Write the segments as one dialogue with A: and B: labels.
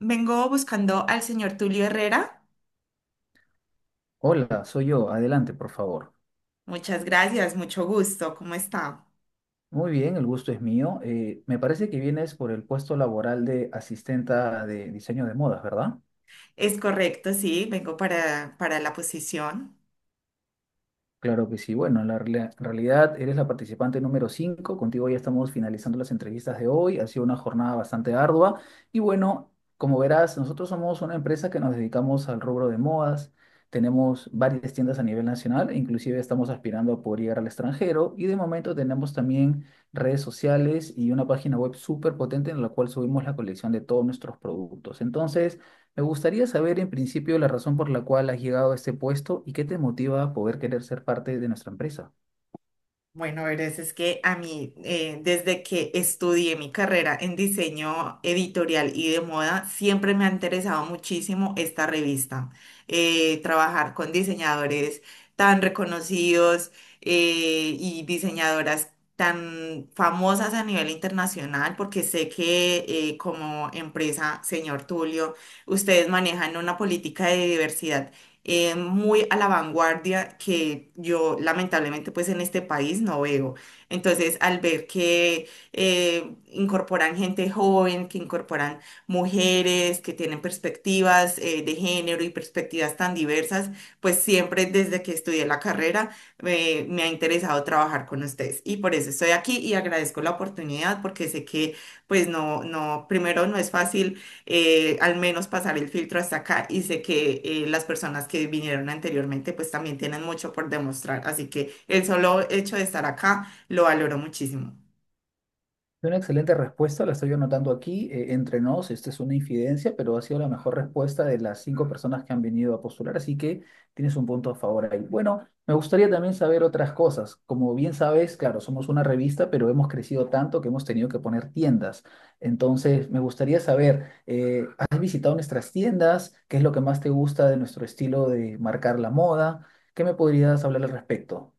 A: Vengo buscando al señor Tulio Herrera.
B: Hola, soy yo. Adelante, por favor.
A: Muchas gracias, mucho gusto. ¿Cómo está?
B: Muy bien, el gusto es mío. Me parece que vienes por el puesto laboral de asistenta de diseño de modas, ¿verdad?
A: Es correcto, sí, vengo para la posición.
B: Claro que sí. Bueno, la realidad eres la participante número 5. Contigo ya estamos finalizando las entrevistas de hoy. Ha sido una jornada bastante ardua. Y bueno, como verás, nosotros somos una empresa que nos dedicamos al rubro de modas. Tenemos varias tiendas a nivel nacional, e inclusive estamos aspirando a poder llegar al extranjero. Y de momento tenemos también redes sociales y una página web súper potente en la cual subimos la colección de todos nuestros productos. Entonces, me gustaría saber en principio la razón por la cual has llegado a este puesto y qué te motiva a poder querer ser parte de nuestra empresa.
A: Bueno, verás, es que a mí, desde que estudié mi carrera en diseño editorial y de moda, siempre me ha interesado muchísimo esta revista. Trabajar con diseñadores tan reconocidos y diseñadoras tan famosas a nivel internacional, porque sé que como empresa, señor Tulio, ustedes manejan una política de diversidad muy a la vanguardia que yo lamentablemente pues en este país no veo. Entonces al ver que incorporan gente joven, que incorporan mujeres, que tienen perspectivas de género y perspectivas tan diversas, pues siempre desde que estudié la carrera me ha interesado trabajar con ustedes y por eso estoy aquí y agradezco la oportunidad porque sé que pues no, no, primero no es fácil, al menos pasar el filtro hasta acá, y sé que las personas que vinieron anteriormente pues también tienen mucho por demostrar, así que el solo hecho de estar acá lo valoro muchísimo.
B: Es una excelente respuesta, la estoy anotando aquí. Entre nos, esta es una infidencia, pero ha sido la mejor respuesta de las cinco personas que han venido a postular, así que tienes un punto a favor ahí. Bueno, me gustaría también saber otras cosas. Como bien sabes, claro, somos una revista, pero hemos crecido tanto que hemos tenido que poner tiendas. Entonces, me gustaría saber, ¿has visitado nuestras tiendas? ¿Qué es lo que más te gusta de nuestro estilo de marcar la moda? ¿Qué me podrías hablar al respecto?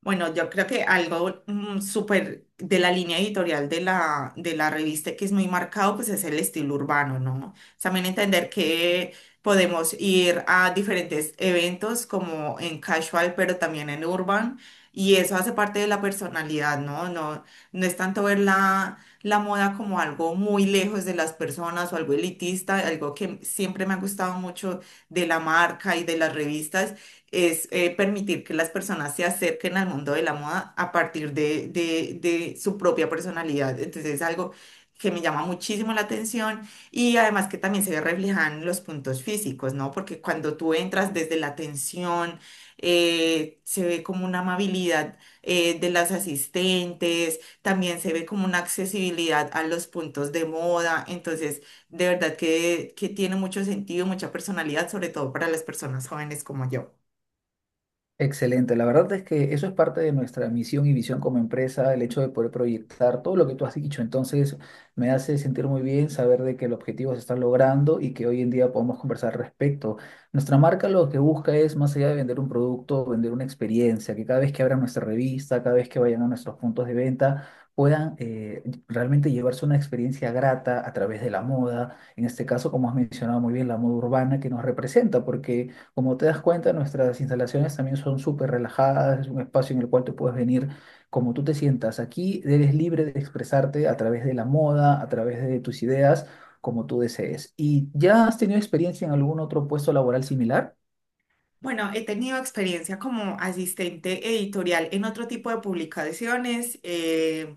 A: Bueno, yo creo que algo súper de la línea editorial de la revista que es muy marcado, pues es el estilo urbano, ¿no? También entender que podemos ir a diferentes eventos como en casual, pero también en urban, y eso hace parte de la personalidad, ¿no? No, no es tanto ver la moda como algo muy lejos de las personas o algo elitista. Algo que siempre me ha gustado mucho de la marca y de las revistas es, permitir que las personas se acerquen al mundo de la moda a partir de su propia personalidad. Entonces es algo que me llama muchísimo la atención, y además que también se reflejan los puntos físicos, ¿no? Porque cuando tú entras desde la atención, se ve como una amabilidad de las asistentes, también se ve como una accesibilidad a los puntos de moda, entonces de verdad que tiene mucho sentido, mucha personalidad, sobre todo para las personas jóvenes como yo.
B: Excelente, la verdad es que eso es parte de nuestra misión y visión como empresa, el hecho de poder proyectar todo lo que tú has dicho. Entonces, me hace sentir muy bien saber de que el objetivo se está logrando y que hoy en día podemos conversar al respecto. Nuestra marca lo que busca es, más allá de vender un producto, vender una experiencia, que cada vez que abran nuestra revista, cada vez que vayan a nuestros puntos de venta, puedan realmente llevarse una experiencia grata a través de la moda, en este caso, como has mencionado muy bien, la moda urbana que nos representa, porque... Como te das cuenta, nuestras instalaciones también son súper relajadas, es un espacio en el cual tú puedes venir como tú te sientas. Aquí eres libre de expresarte a través de la moda, a través de tus ideas, como tú desees. ¿Y ya has tenido experiencia en algún otro puesto laboral similar?
A: Bueno, he tenido experiencia como asistente editorial en otro tipo de publicaciones.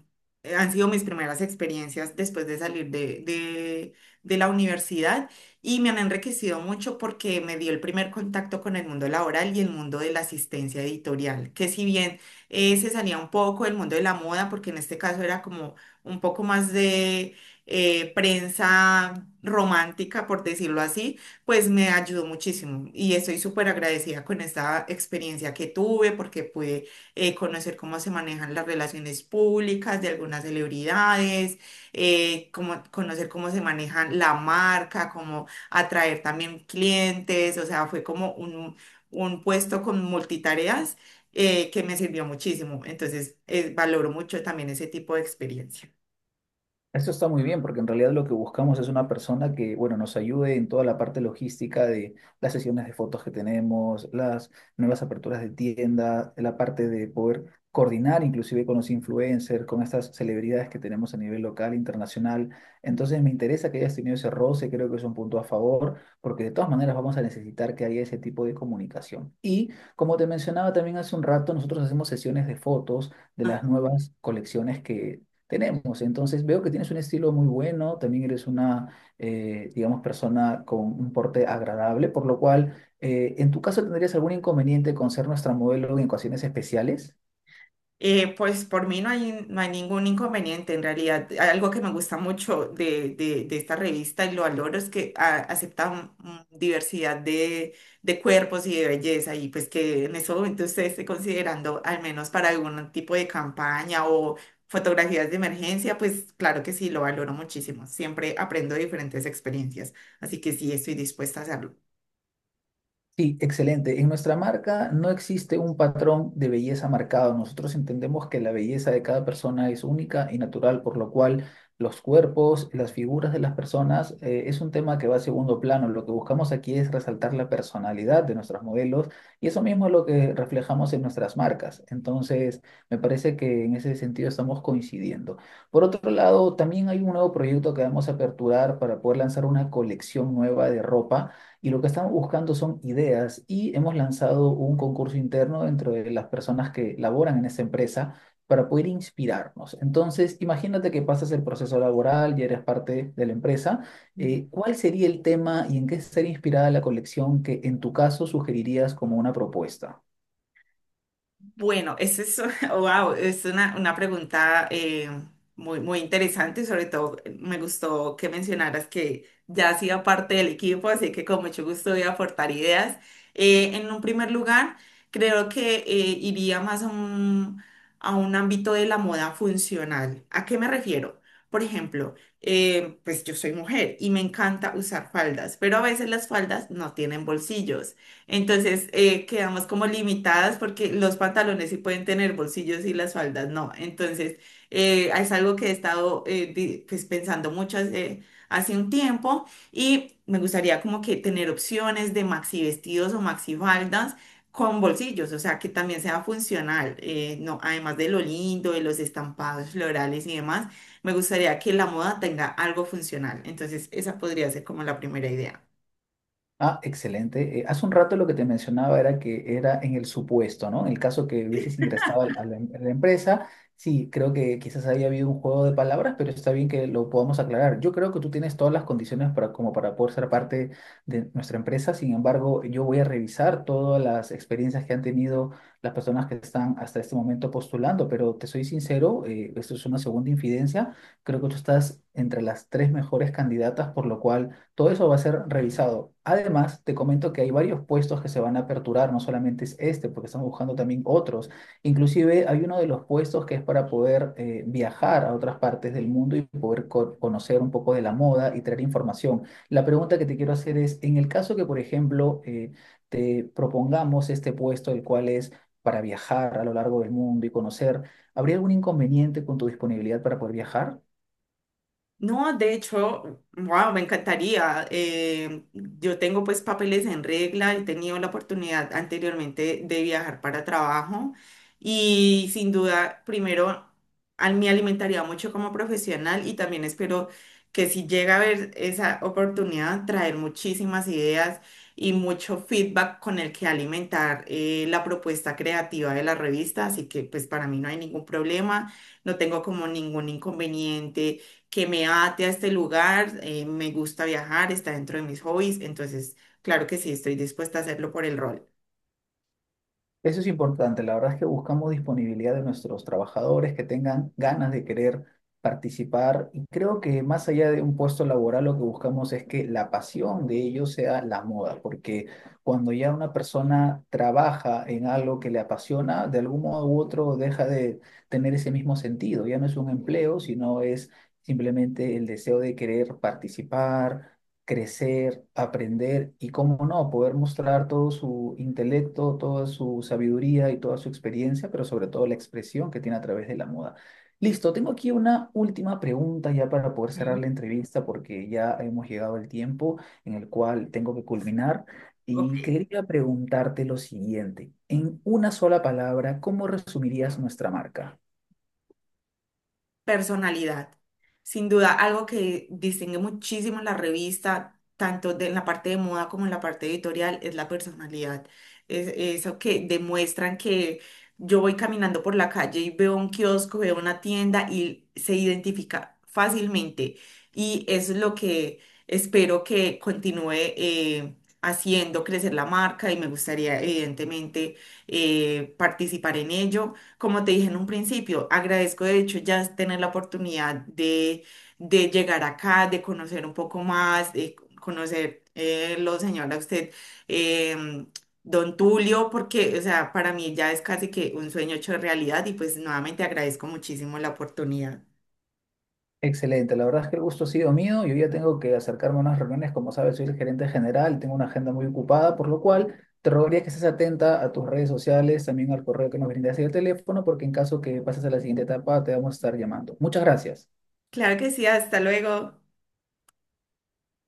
A: Han sido mis primeras experiencias después de salir de la universidad y me han enriquecido mucho porque me dio el primer contacto con el mundo laboral y el mundo de la asistencia editorial, que si bien se salía un poco del mundo de la moda, porque en este caso era como un poco más de prensa romántica, por decirlo así, pues me ayudó muchísimo y estoy súper agradecida con esta experiencia que tuve porque pude conocer cómo se manejan las relaciones públicas de algunas celebridades, conocer cómo se maneja la marca, cómo atraer también clientes, o sea, fue como un puesto con multitareas que me sirvió muchísimo. Entonces, valoro mucho también ese tipo de experiencia.
B: Eso está muy bien, porque en realidad lo que buscamos es una persona que, bueno, nos ayude en toda la parte logística de las sesiones de fotos que tenemos, las nuevas aperturas de tienda, la parte de poder coordinar inclusive con los influencers, con estas celebridades que tenemos a nivel local, internacional. Entonces me interesa que hayas tenido ese roce, creo que es un punto a favor, porque de todas maneras vamos a necesitar que haya ese tipo de comunicación. Y como te mencionaba también hace un rato, nosotros hacemos sesiones de fotos de las nuevas colecciones que tenemos. Entonces veo que tienes un estilo muy bueno, también eres una, digamos, persona con un porte agradable, por lo cual, ¿en tu caso tendrías algún inconveniente con ser nuestra modelo en ocasiones especiales?
A: Pues por mí no hay, no hay ningún inconveniente en realidad. Algo que me gusta mucho de esta revista y lo valoro es que acepta un diversidad de cuerpos y de belleza, y pues que en ese momento usted esté considerando al menos para algún tipo de campaña o fotografías de emergencia, pues claro que sí, lo valoro muchísimo. Siempre aprendo de diferentes experiencias, así que sí, estoy dispuesta a hacerlo.
B: Sí, excelente. En nuestra marca no existe un patrón de belleza marcado. Nosotros entendemos que la belleza de cada persona es única y natural, por lo cual los cuerpos, las figuras de las personas es un tema que va a segundo plano. Lo que buscamos aquí es resaltar la personalidad de nuestros modelos y eso mismo es lo que reflejamos en nuestras marcas. Entonces, me parece que en ese sentido estamos coincidiendo. Por otro lado, también hay un nuevo proyecto que vamos a aperturar para poder lanzar una colección nueva de ropa y lo que estamos buscando son ideas y hemos lanzado un concurso interno dentro de las personas que laboran en esta empresa para poder inspirarnos. Entonces, imagínate que pasas el proceso laboral y eres parte de la empresa. ¿Cuál sería el tema y en qué estaría inspirada la colección que en tu caso sugerirías como una propuesta?
A: Bueno, esa es, wow, es una pregunta, muy, muy interesante, y sobre todo me gustó que mencionaras que ya hacía parte del equipo, así que con mucho gusto voy a aportar ideas. En un primer lugar, creo que iría más a un ámbito de la moda funcional. ¿A qué me refiero? Por ejemplo, pues yo soy mujer y me encanta usar faldas, pero a veces las faldas no tienen bolsillos. Entonces quedamos como limitadas porque los pantalones sí pueden tener bolsillos y las faldas no. Entonces es algo que he estado pues, pensando mucho hace un tiempo, y me gustaría como que tener opciones de maxi vestidos o maxi faldas con bolsillos, o sea que también sea funcional. Eh, no, además de lo lindo, de los estampados florales y demás, me gustaría que la moda tenga algo funcional. Entonces esa podría ser como la primera idea.
B: Ah, excelente. Hace un rato lo que te mencionaba era que era en el supuesto, ¿no? En el caso que hubieses ingresado a la, a la a la empresa, sí, creo que quizás haya habido un juego de palabras, pero está bien que lo podamos aclarar. Yo creo que tú tienes todas las condiciones para, como para poder ser parte de nuestra empresa. Sin embargo, yo voy a revisar todas las experiencias que han tenido las personas que están hasta este momento postulando, pero te soy sincero, esto es una segunda infidencia. Creo que tú estás entre las tres mejores candidatas, por lo cual... Todo eso va a ser revisado. Además, te comento que hay varios puestos que se van a aperturar, no solamente es este, porque estamos buscando también otros. Inclusive hay uno de los puestos que es para poder viajar a otras partes del mundo y poder conocer un poco de la moda y traer información. La pregunta que te quiero hacer es, en el caso que, por ejemplo, te propongamos este puesto, el cual es para viajar a lo largo del mundo y conocer, ¿habría algún inconveniente con tu disponibilidad para poder viajar?
A: No, de hecho, wow, me encantaría. Yo tengo pues papeles en regla, he tenido la oportunidad anteriormente de viajar para trabajo y sin duda, primero, me alimentaría mucho como profesional, y también espero que si llega a haber esa oportunidad, traer muchísimas ideas y mucho feedback con el que alimentar la propuesta creativa de la revista. Así que pues para mí no hay ningún problema, no tengo como ningún inconveniente que me ate a este lugar. Eh, me gusta viajar, está dentro de mis hobbies, entonces, claro que sí, estoy dispuesta a hacerlo por el rol.
B: Eso es importante. La verdad es que buscamos disponibilidad de nuestros trabajadores que tengan ganas de querer participar. Y creo que más allá de un puesto laboral, lo que buscamos es que la pasión de ellos sea la moda, porque cuando ya una persona trabaja en algo que le apasiona, de algún modo u otro deja de tener ese mismo sentido. Ya no es un empleo, sino es simplemente el deseo de querer participar, crecer, aprender y, cómo no, poder mostrar todo su intelecto, toda su sabiduría y toda su experiencia, pero sobre todo la expresión que tiene a través de la moda. Listo, tengo aquí una última pregunta ya para poder cerrar la entrevista porque ya hemos llegado al tiempo en el cual tengo que culminar y
A: Ok.
B: quería preguntarte lo siguiente. En una sola palabra, ¿cómo resumirías nuestra marca?
A: Personalidad. Sin duda, algo que distingue muchísimo la revista, tanto de, en la parte de moda como en la parte editorial, es la personalidad. Es eso que demuestran, que yo voy caminando por la calle y veo un kiosco, veo una tienda y se identifica fácilmente. Y eso es lo que espero que continúe haciendo crecer la marca, y me gustaría, evidentemente, participar en ello. Como te dije en un principio, agradezco de hecho ya tener la oportunidad de llegar acá, de conocer un poco más, de conocer lo señor a usted, em, don Tulio, porque, o sea, para mí ya es casi que un sueño hecho realidad y pues nuevamente agradezco muchísimo la oportunidad.
B: Excelente, la verdad es que el gusto ha sido mío. Yo ya tengo que acercarme a unas reuniones, como sabes, soy el gerente general, tengo una agenda muy ocupada, por lo cual te rogaría que estés atenta a tus redes sociales, también al correo que nos brindas y el teléfono, porque en caso que pases a la siguiente etapa te vamos a estar llamando. Muchas gracias.
A: Claro que sí, hasta luego.